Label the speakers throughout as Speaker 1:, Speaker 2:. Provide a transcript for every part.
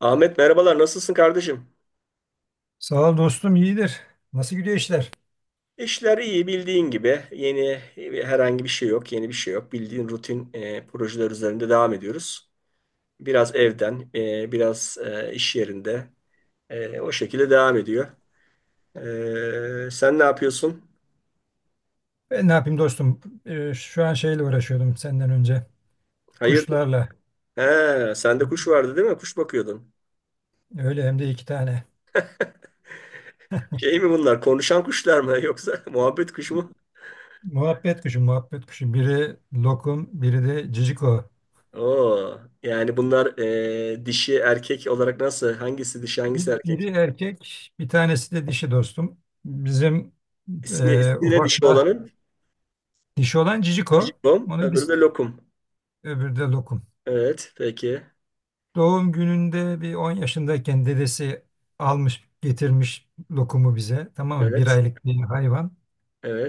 Speaker 1: Ahmet merhabalar, nasılsın kardeşim?
Speaker 2: Sağ ol dostum, iyidir. Nasıl gidiyor işler?
Speaker 1: İşler iyi, bildiğin gibi yeni herhangi bir şey yok, yeni bir şey yok, bildiğin rutin projeler üzerinde devam ediyoruz. Biraz evden, biraz iş yerinde, o şekilde devam ediyor. Sen ne yapıyorsun?
Speaker 2: Ben ne yapayım dostum? Şu an şeyle uğraşıyordum senden önce.
Speaker 1: Hayırdır?
Speaker 2: Kuşlarla.
Speaker 1: He, sende kuş vardı değil mi? Kuş bakıyordun.
Speaker 2: Öyle hem de 2 tane.
Speaker 1: Şey mi bunlar, konuşan kuşlar mı yoksa muhabbet kuşu mu?
Speaker 2: Muhabbet kuşu, muhabbet kuşu. Biri lokum, biri de ciciko.
Speaker 1: Oo, yani bunlar dişi erkek olarak nasıl? Hangisi dişi, hangisi
Speaker 2: Bir-
Speaker 1: erkek?
Speaker 2: Biri erkek, bir tanesi de dişi dostum. Bizim
Speaker 1: İsmi, ismi ne dişi
Speaker 2: ufakla
Speaker 1: olanın?
Speaker 2: dişi olan ciciko.
Speaker 1: Jibom,
Speaker 2: Onu
Speaker 1: öbürü
Speaker 2: biz
Speaker 1: de lokum.
Speaker 2: öbürü de lokum.
Speaker 1: Evet, peki.
Speaker 2: Doğum gününde bir 10 yaşındayken dedesi almış, getirmiş lokumu bize. Tamam mı? Bir
Speaker 1: Evet,
Speaker 2: aylık bir hayvan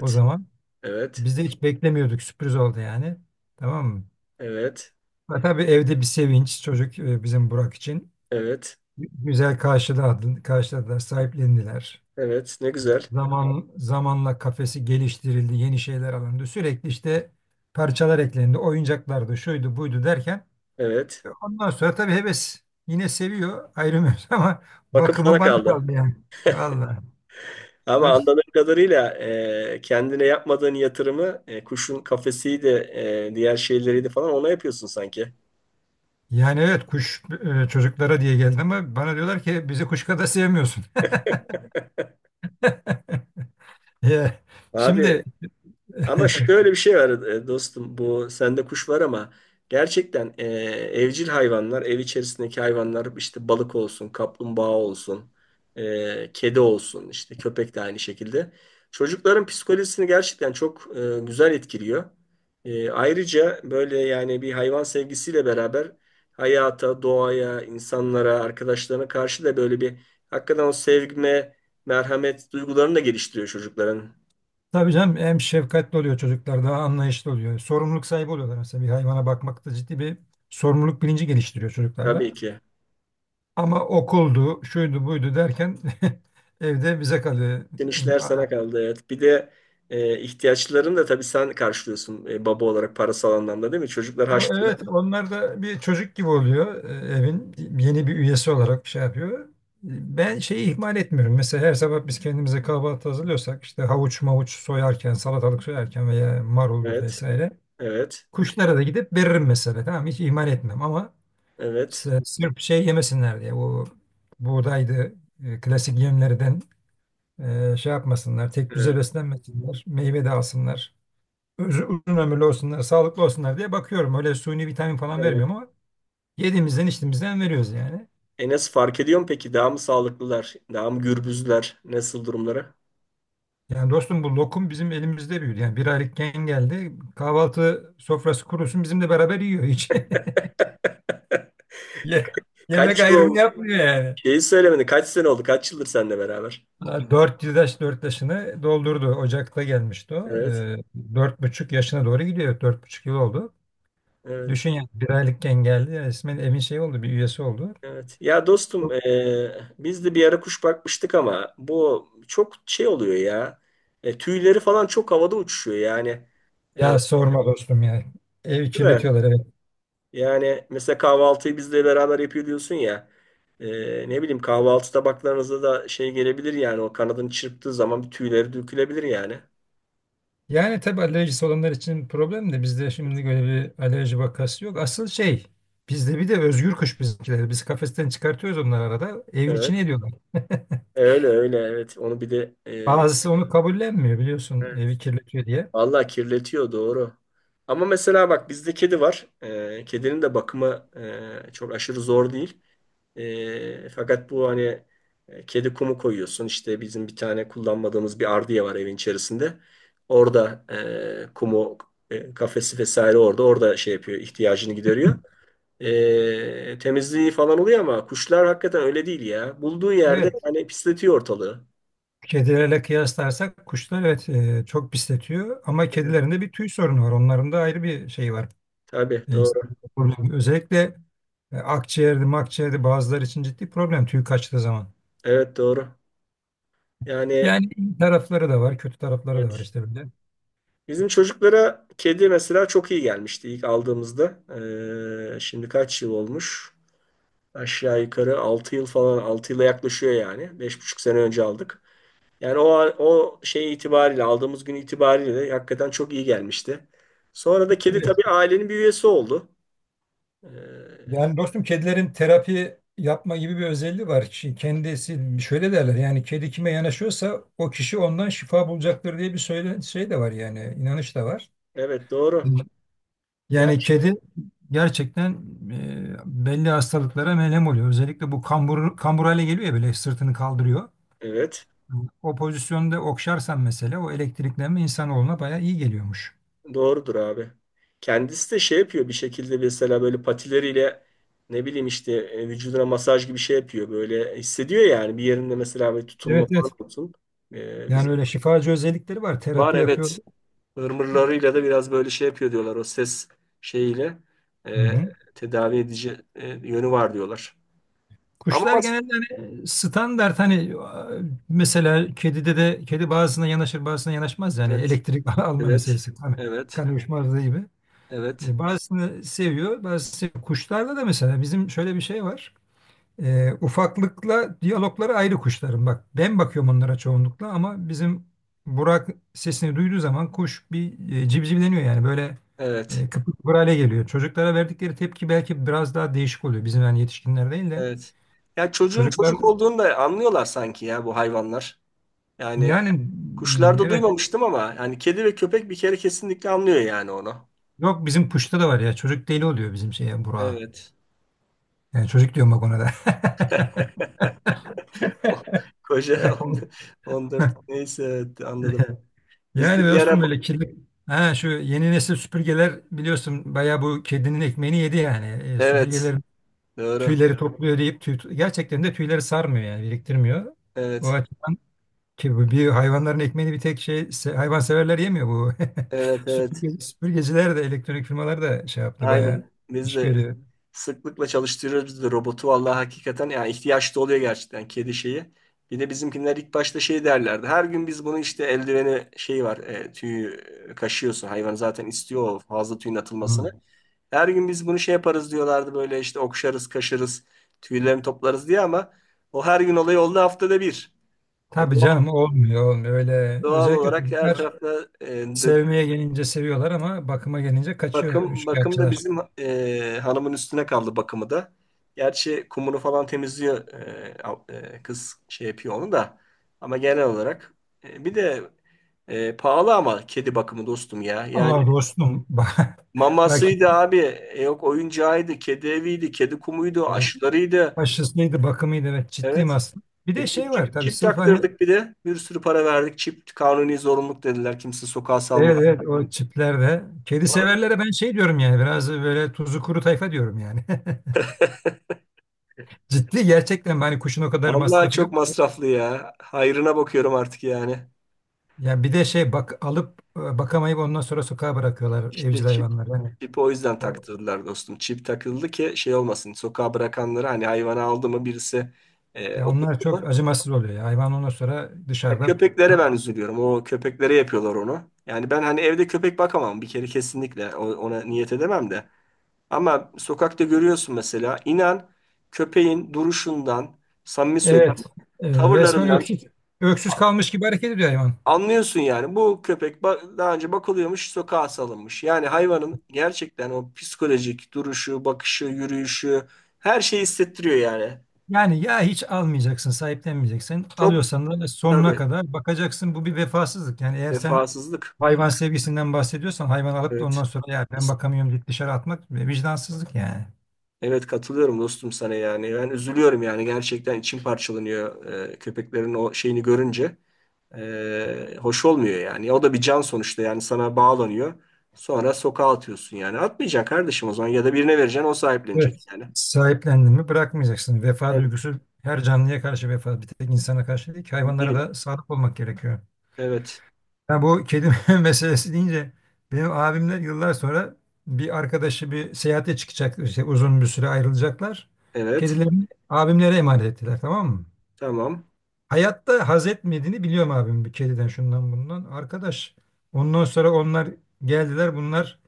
Speaker 2: o zaman.
Speaker 1: evet,
Speaker 2: Biz de hiç beklemiyorduk. Sürpriz oldu yani. Tamam mı?
Speaker 1: evet,
Speaker 2: Ve tabii evde bir sevinç, çocuk bizim Burak için.
Speaker 1: evet,
Speaker 2: Güzel karşıladı, karşıladılar, sahiplendiler.
Speaker 1: evet. Ne güzel.
Speaker 2: Zamanla kafesi geliştirildi, yeni şeyler alındı. Sürekli işte parçalar eklendi, oyuncaklardı, şuydu, buydu derken
Speaker 1: Evet.
Speaker 2: ondan sonra tabii heves, yine seviyor, ayrılmıyoruz ama
Speaker 1: Bakım
Speaker 2: bakımı
Speaker 1: sana
Speaker 2: bana
Speaker 1: kaldı.
Speaker 2: kaldı yani. Vallahi.
Speaker 1: Ama
Speaker 2: Öz-
Speaker 1: anladığım kadarıyla kendine yapmadığın yatırımı, kuşun kafesiydi, diğer şeyleriydi falan ona yapıyorsun sanki.
Speaker 2: Yani evet, kuş çocuklara diye geldi ama bana diyorlar ki bizi kuş kadar sevmiyorsun. Ya.
Speaker 1: Abi,
Speaker 2: Şimdi.
Speaker 1: ama şöyle bir şey var dostum. Bu, sende kuş var ama gerçekten evcil hayvanlar, ev içerisindeki hayvanlar, işte balık olsun, kaplumbağa olsun, kedi olsun, işte köpek de aynı şekilde. Çocukların psikolojisini gerçekten çok güzel etkiliyor. Ayrıca böyle yani bir hayvan sevgisiyle beraber hayata, doğaya, insanlara, arkadaşlarına karşı da böyle bir hakikaten o sevgime, merhamet duygularını da geliştiriyor çocukların.
Speaker 2: Tabii canım, hem şefkatli oluyor çocuklar, daha anlayışlı oluyor. Sorumluluk sahibi oluyorlar. Mesela bir hayvana bakmakta ciddi bir sorumluluk bilinci geliştiriyor çocuklarda.
Speaker 1: Tabii ki.
Speaker 2: Ama okuldu, şuydu, buydu derken evde bize kalıyor.
Speaker 1: Bütün işler sana
Speaker 2: Ama
Speaker 1: kaldı, evet. Bir de ihtiyaçlarını da tabii sen karşılıyorsun baba olarak, parasal anlamda, değil mi? Çocuklar harçlığında.
Speaker 2: Evet, onlar da bir çocuk gibi oluyor, evin yeni bir üyesi olarak şey yapıyor. Ben şeyi ihmal etmiyorum. Mesela her sabah biz kendimize kahvaltı hazırlıyorsak, işte havuç mavuç soyarken, salatalık soyarken veya maruldu
Speaker 1: Evet,
Speaker 2: vesaire,
Speaker 1: evet,
Speaker 2: kuşlara da gidip veririm mesela. Tamam, hiç ihmal etmem ama
Speaker 1: evet.
Speaker 2: Sırf şey yemesinler diye, o buğdaydı klasik yemlerden şey yapmasınlar, tek düze
Speaker 1: e,
Speaker 2: beslenmesinler, meyve de alsınlar, uzun ömürlü olsunlar, sağlıklı olsunlar diye bakıyorum. Öyle suni vitamin falan
Speaker 1: evet.
Speaker 2: vermiyorum ama yediğimizden içtiğimizden veriyoruz yani.
Speaker 1: Enes fark ediyor mu peki? Daha mı sağlıklılar? Daha mı gürbüzler? Nasıl durumları?
Speaker 2: Yani dostum, bu lokum bizim elimizde büyüdü. Yani 1 aylıkken geldi. Kahvaltı sofrası kurusun bizimle beraber yiyor hiç. Ye- Yemek
Speaker 1: Kaç yıl
Speaker 2: ayrımı
Speaker 1: oldu?
Speaker 2: yapmıyor yani.
Speaker 1: Şeyi söylemedin. Kaç sene oldu? Kaç yıldır seninle beraber?
Speaker 2: 4 yaşını doldurdu. Ocak'ta gelmişti o.
Speaker 1: Evet,
Speaker 2: 4,5 yaşına doğru gidiyor. 4,5 yıl oldu.
Speaker 1: evet.
Speaker 2: Düşün yani, 1 aylıkken geldi. Ya, resmen evin şey oldu, bir üyesi oldu.
Speaker 1: Evet. Ya dostum, biz de bir ara kuş bakmıştık ama bu çok şey oluyor ya. Tüyleri falan çok havada uçuşuyor yani. Değil
Speaker 2: Ya sorma dostum ya. Evi
Speaker 1: mi?
Speaker 2: kirletiyorlar, evet.
Speaker 1: Yani mesela kahvaltıyı bizle beraber yapıyor diyorsun ya. Ne bileyim, kahvaltı tabaklarınıza da şey gelebilir yani, o kanadını çırptığı zaman bir, tüyleri dökülebilir yani.
Speaker 2: Yani tabii alerjisi olanlar için problem de bizde şimdi böyle bir alerji vakası yok. Asıl şey, bizde bir de özgür kuş bizimkiler, biz kafesten çıkartıyoruz onları arada. Evin içine
Speaker 1: Evet.
Speaker 2: ediyorlar.
Speaker 1: Öyle öyle evet. Onu bir de
Speaker 2: Bazısı onu kabullenmiyor, biliyorsun,
Speaker 1: e,
Speaker 2: evi kirletiyor diye.
Speaker 1: vallahi kirletiyor, doğru. Ama mesela bak, bizde kedi var. Kedinin de bakımı çok aşırı zor değil. Fakat bu hani kedi kumu koyuyorsun. İşte bizim bir tane kullanmadığımız bir ardiye var evin içerisinde. Orada kumu, kafesi vesaire orada. Orada şey yapıyor, ihtiyacını gideriyor. Temizliği falan oluyor ama kuşlar hakikaten öyle değil ya. Bulduğu yerde
Speaker 2: Evet.
Speaker 1: yani pisletiyor ortalığı.
Speaker 2: Kedilerle kıyaslarsak kuşlar, evet, çok pisletiyor ama
Speaker 1: Evet.
Speaker 2: kedilerin de bir tüy sorunu var. Onların da ayrı bir şey var.
Speaker 1: Tabii doğru.
Speaker 2: İnsanın problemi. Özellikle akciğerde, makciğerde bazıları için ciddi problem tüy kaçtığı zaman.
Speaker 1: Evet, doğru. Yani,
Speaker 2: Yani iyi tarafları da var, kötü tarafları da var
Speaker 1: evet.
Speaker 2: işte, böyle.
Speaker 1: Bizim çocuklara kedi mesela çok iyi gelmişti ilk aldığımızda. Şimdi kaç yıl olmuş? Aşağı yukarı 6 yıl falan, 6 yıla yaklaşıyor yani. Beş buçuk sene önce aldık. Yani o an- o şey itibariyle, aldığımız gün itibariyle de hakikaten çok iyi gelmişti. Sonra da kedi
Speaker 2: Evet.
Speaker 1: tabii ailenin bir üyesi oldu. Ee,
Speaker 2: Yani dostum, kedilerin terapi yapma gibi bir özelliği var. Şimdi kendisi, şöyle derler yani, kedi kime yanaşıyorsa o kişi ondan şifa bulacaktır diye bir söyle, şey de var, yani inanış da var.
Speaker 1: evet doğru. Ya,
Speaker 2: Yani kedi gerçekten e, belli hastalıklara melem oluyor. Özellikle bu kambur, kambur hale geliyor ya, böyle sırtını kaldırıyor.
Speaker 1: evet.
Speaker 2: O pozisyonda okşarsan mesela, o elektriklenme insanoğluna bayağı iyi geliyormuş.
Speaker 1: Doğrudur abi. Kendisi de şey yapıyor bir şekilde, mesela böyle patileriyle, ne bileyim işte vücuduna masaj gibi şey yapıyor. Böyle hissediyor yani bir yerinde mesela böyle tutulma
Speaker 2: Evet,
Speaker 1: falan
Speaker 2: evet.
Speaker 1: olsun. Bizim
Speaker 2: Yani öyle şifacı özellikleri var.
Speaker 1: var,
Speaker 2: Terapi yapıyor.
Speaker 1: evet. Irmırlarıyla da biraz böyle şey yapıyor diyorlar, o ses şeyiyle
Speaker 2: Hı
Speaker 1: e,
Speaker 2: hı.
Speaker 1: tedavi edici yönü var diyorlar. Ama
Speaker 2: Kuşlar
Speaker 1: mas-
Speaker 2: genelde hani standart, hani mesela kedide de kedi bazısına yanaşır, bazısına yanaşmaz, yani
Speaker 1: evet,
Speaker 2: elektrik alma
Speaker 1: evet,
Speaker 2: meselesi. Hani
Speaker 1: evet,
Speaker 2: kan uyuşmazlığı gibi.
Speaker 1: evet,
Speaker 2: Bazısını seviyor, bazısını seviyor. Kuşlarda da mesela bizim şöyle bir şey var. Ufaklıkla diyalogları ayrı kuşların. Bak, ben bakıyorum onlara çoğunlukla ama bizim Burak sesini duyduğu zaman kuş bir civcivleniyor yani, böyle
Speaker 1: evet,
Speaker 2: kıpır kıpır hale geliyor. Çocuklara verdikleri tepki belki biraz daha değişik oluyor. Bizim yani, yetişkinler değil de
Speaker 1: evet. Ya çocuğun
Speaker 2: çocuklar
Speaker 1: çocuk olduğunu da anlıyorlar sanki ya bu hayvanlar. Yani
Speaker 2: yani,
Speaker 1: kuşlarda
Speaker 2: evet.
Speaker 1: duymamıştım ama yani kedi ve köpek bir kere kesinlikle anlıyor yani onu.
Speaker 2: Yok, bizim kuşta da var ya, çocuk deli oluyor bizim şeye, Burak'a.
Speaker 1: Evet.
Speaker 2: Yani çocuk diyorum, bak, ona da.
Speaker 1: Koca 14, neyse evet, anladım. Biz
Speaker 2: Yani
Speaker 1: de bir ara,
Speaker 2: dostum, böyle kirli. Ha, şu yeni nesil süpürgeler, biliyorsun, bayağı bu kedinin ekmeğini yedi yani.
Speaker 1: evet
Speaker 2: Süpürgeler
Speaker 1: doğru.
Speaker 2: tüyleri topluyor deyip tüy, gerçekten de tüyleri sarmıyor, yani biriktirmiyor. O
Speaker 1: Evet.
Speaker 2: açıdan, ki bu bir hayvanların ekmeğini bir tek hayvanseverler yemiyor bu.
Speaker 1: Evet, evet.
Speaker 2: Süpürgeciler de, elektronik firmalar da şey yaptı, bayağı
Speaker 1: Aynen. Biz
Speaker 2: iş
Speaker 1: de
Speaker 2: görüyor.
Speaker 1: sıklıkla çalıştırıyoruz biz de robotu. Vallahi hakikaten yani ihtiyaç da oluyor gerçekten kedi şeyi. Bir de bizimkiler ilk başta şey derlerdi. Her gün biz bunu işte eldiveni şey var, tüyü kaşıyorsun. Hayvan zaten istiyor o fazla tüyün atılmasını.
Speaker 2: Hı.
Speaker 1: Her gün biz bunu şey yaparız diyorlardı böyle, işte okşarız, kaşırız, tüylerini toplarız diye, ama o her gün olayı oldu haftada bir. E,
Speaker 2: Tabii
Speaker 1: doğal,
Speaker 2: canım, olmuyor, olmuyor öyle.
Speaker 1: doğal
Speaker 2: Özellikle
Speaker 1: olarak her
Speaker 2: çocuklar
Speaker 1: tarafta
Speaker 2: sevmeye gelince seviyorlar ama bakıma gelince kaçıyor
Speaker 1: bakım, bakım da
Speaker 2: üçkağıtçılar.
Speaker 1: bizim hanımın üstüne kaldı bakımı da. Gerçi kumunu falan temizliyor, al- kız şey yapıyor onu da. Ama genel olarak bir de pahalı ama kedi bakımı dostum ya. Yani
Speaker 2: Aa dostum, bak, bak
Speaker 1: mamasıydı
Speaker 2: şimdi,
Speaker 1: abi. Yok oyuncağıydı, kedi eviydi, kedi kumuydu, aşılarıydı.
Speaker 2: aşısıydı, bakımıydı, evet, ciddiyim
Speaker 1: Evet.
Speaker 2: aslında. Bir de
Speaker 1: Bir
Speaker 2: şey var
Speaker 1: çip,
Speaker 2: tabii,
Speaker 1: çip
Speaker 2: sırf hani,
Speaker 1: taktırdık bir de. Bir sürü para verdik. Çip kanuni zorunluluk dediler. Kimse sokağa
Speaker 2: evet
Speaker 1: salma.
Speaker 2: evet, o çiplerde kedi severlere ben şey diyorum yani, biraz böyle tuzu kuru tayfa diyorum yani. Ciddi gerçekten, hani kuşun o kadar
Speaker 1: Vallahi
Speaker 2: masrafı yok.
Speaker 1: çok masraflı ya. Hayrına bakıyorum artık yani.
Speaker 2: Yani bir de şey, bak, alıp bakamayıp ondan sonra sokağa bırakıyorlar
Speaker 1: İşte
Speaker 2: evcil
Speaker 1: çip,
Speaker 2: hayvanlar. Yani,
Speaker 1: çipi o yüzden
Speaker 2: o-
Speaker 1: taktırdılar dostum. Çip takıldı ki şey olmasın. Sokağa bırakanları hani hayvanı aldı mı birisi
Speaker 2: yani onlar
Speaker 1: oturdu
Speaker 2: çok
Speaker 1: mu?
Speaker 2: acımasız oluyor ya. Hayvan ondan sonra
Speaker 1: Ya
Speaker 2: dışarıda.
Speaker 1: köpeklere ben üzülüyorum. O köpeklere yapıyorlar onu. Yani ben hani evde köpek bakamam bir kere kesinlikle. O- ona niyet edemem de. Ama sokakta görüyorsun mesela, inan, köpeğin duruşundan, samimi söylüyorum,
Speaker 2: Evet, resmen
Speaker 1: tavırlarından
Speaker 2: öksüz, öksüz kalmış gibi hareket ediyor hayvan.
Speaker 1: anlıyorsun yani, bu köpek ba- daha önce bakılıyormuş, sokağa salınmış. Yani hayvanın gerçekten o psikolojik duruşu, bakışı, yürüyüşü, her şeyi hissettiriyor yani.
Speaker 2: Yani ya hiç almayacaksın, sahiplenmeyeceksin.
Speaker 1: Çok
Speaker 2: Alıyorsan da sonuna
Speaker 1: tabii,
Speaker 2: kadar bakacaksın. Bu bir vefasızlık. Yani eğer sen
Speaker 1: vefasızlık.
Speaker 2: hayvan sevgisinden bahsediyorsan, hayvan alıp da ondan
Speaker 1: Evet.
Speaker 2: sonra "ya ben bakamıyorum" deyip dışarı atmak vicdansızlık yani.
Speaker 1: Evet, katılıyorum dostum sana yani. Ben üzülüyorum yani, gerçekten içim parçalanıyor köpeklerin o şeyini görünce. Hoş olmuyor yani. O da bir can sonuçta, yani sana bağlanıyor. Sonra sokağa atıyorsun yani. Atmayacaksın kardeşim, o zaman ya da birine vereceksin, o sahiplenecek
Speaker 2: Evet.
Speaker 1: yani.
Speaker 2: Sahiplendin mi bırakmayacaksın. Vefa
Speaker 1: Evet,
Speaker 2: duygusu, her canlıya karşı vefa. Bir tek insana karşı değil ki, hayvanlara
Speaker 1: değil.
Speaker 2: da sadık olmak gerekiyor.
Speaker 1: Evet.
Speaker 2: Ya, bu kedi meselesi deyince, benim abimler, yıllar sonra bir arkadaşı bir seyahate çıkacak, işte uzun bir süre ayrılacaklar.
Speaker 1: Evet.
Speaker 2: Kedilerini abimlere emanet ettiler, tamam mı?
Speaker 1: Tamam.
Speaker 2: Hayatta haz etmediğini biliyorum abim, bir kediden, şundan bundan. Arkadaş, ondan sonra onlar geldiler, bunlar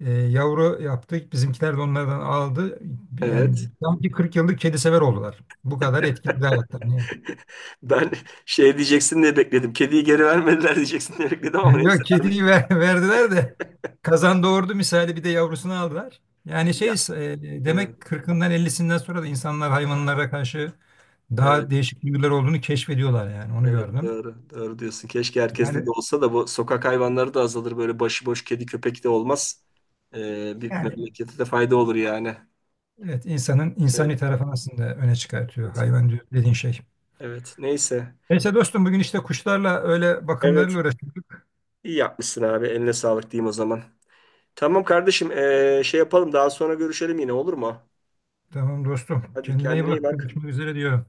Speaker 2: yavru yaptık, bizimkiler de onlardan aldı. Yani
Speaker 1: Evet.
Speaker 2: sanki 40 yıllık kedi sever oldular. Bu kadar etkili bir hayatlar.
Speaker 1: Ben şey diyeceksin diye bekledim. Kediyi geri vermediler diyeceksin diye bekledim ama neyse,
Speaker 2: Yok,
Speaker 1: vermediler.
Speaker 2: kediyi verdiler de kazan doğurdu misali bir de yavrusunu aldılar. Yani şey,
Speaker 1: Ya. Evet,
Speaker 2: demek 40'ından 50'sinden sonra da insanlar hayvanlara karşı
Speaker 1: evet,
Speaker 2: daha değişik duygular olduğunu keşfediyorlar, yani onu
Speaker 1: evet,
Speaker 2: gördüm.
Speaker 1: doğru, doğru diyorsun. Keşke herkeste de
Speaker 2: Yani
Speaker 1: olsa da bu sokak hayvanları da azalır. Böyle başıboş kedi köpek de olmaz. Bir
Speaker 2: yani
Speaker 1: memlekete de fayda olur yani.
Speaker 2: evet, insanın
Speaker 1: Evet,
Speaker 2: insani tarafını aslında öne çıkartıyor
Speaker 1: evet,
Speaker 2: hayvan, dediğin şey.
Speaker 1: evet. Neyse.
Speaker 2: Neyse dostum, bugün işte kuşlarla, öyle
Speaker 1: Evet,
Speaker 2: bakımlarıyla uğraştık.
Speaker 1: iyi yapmışsın abi. Eline sağlık diyeyim o zaman. Tamam kardeşim, şey yapalım. Daha sonra görüşelim yine, olur mu?
Speaker 2: Tamam dostum,
Speaker 1: Hadi
Speaker 2: kendine iyi
Speaker 1: kendine iyi
Speaker 2: bak,
Speaker 1: bak.
Speaker 2: görüşmek üzere diyorum.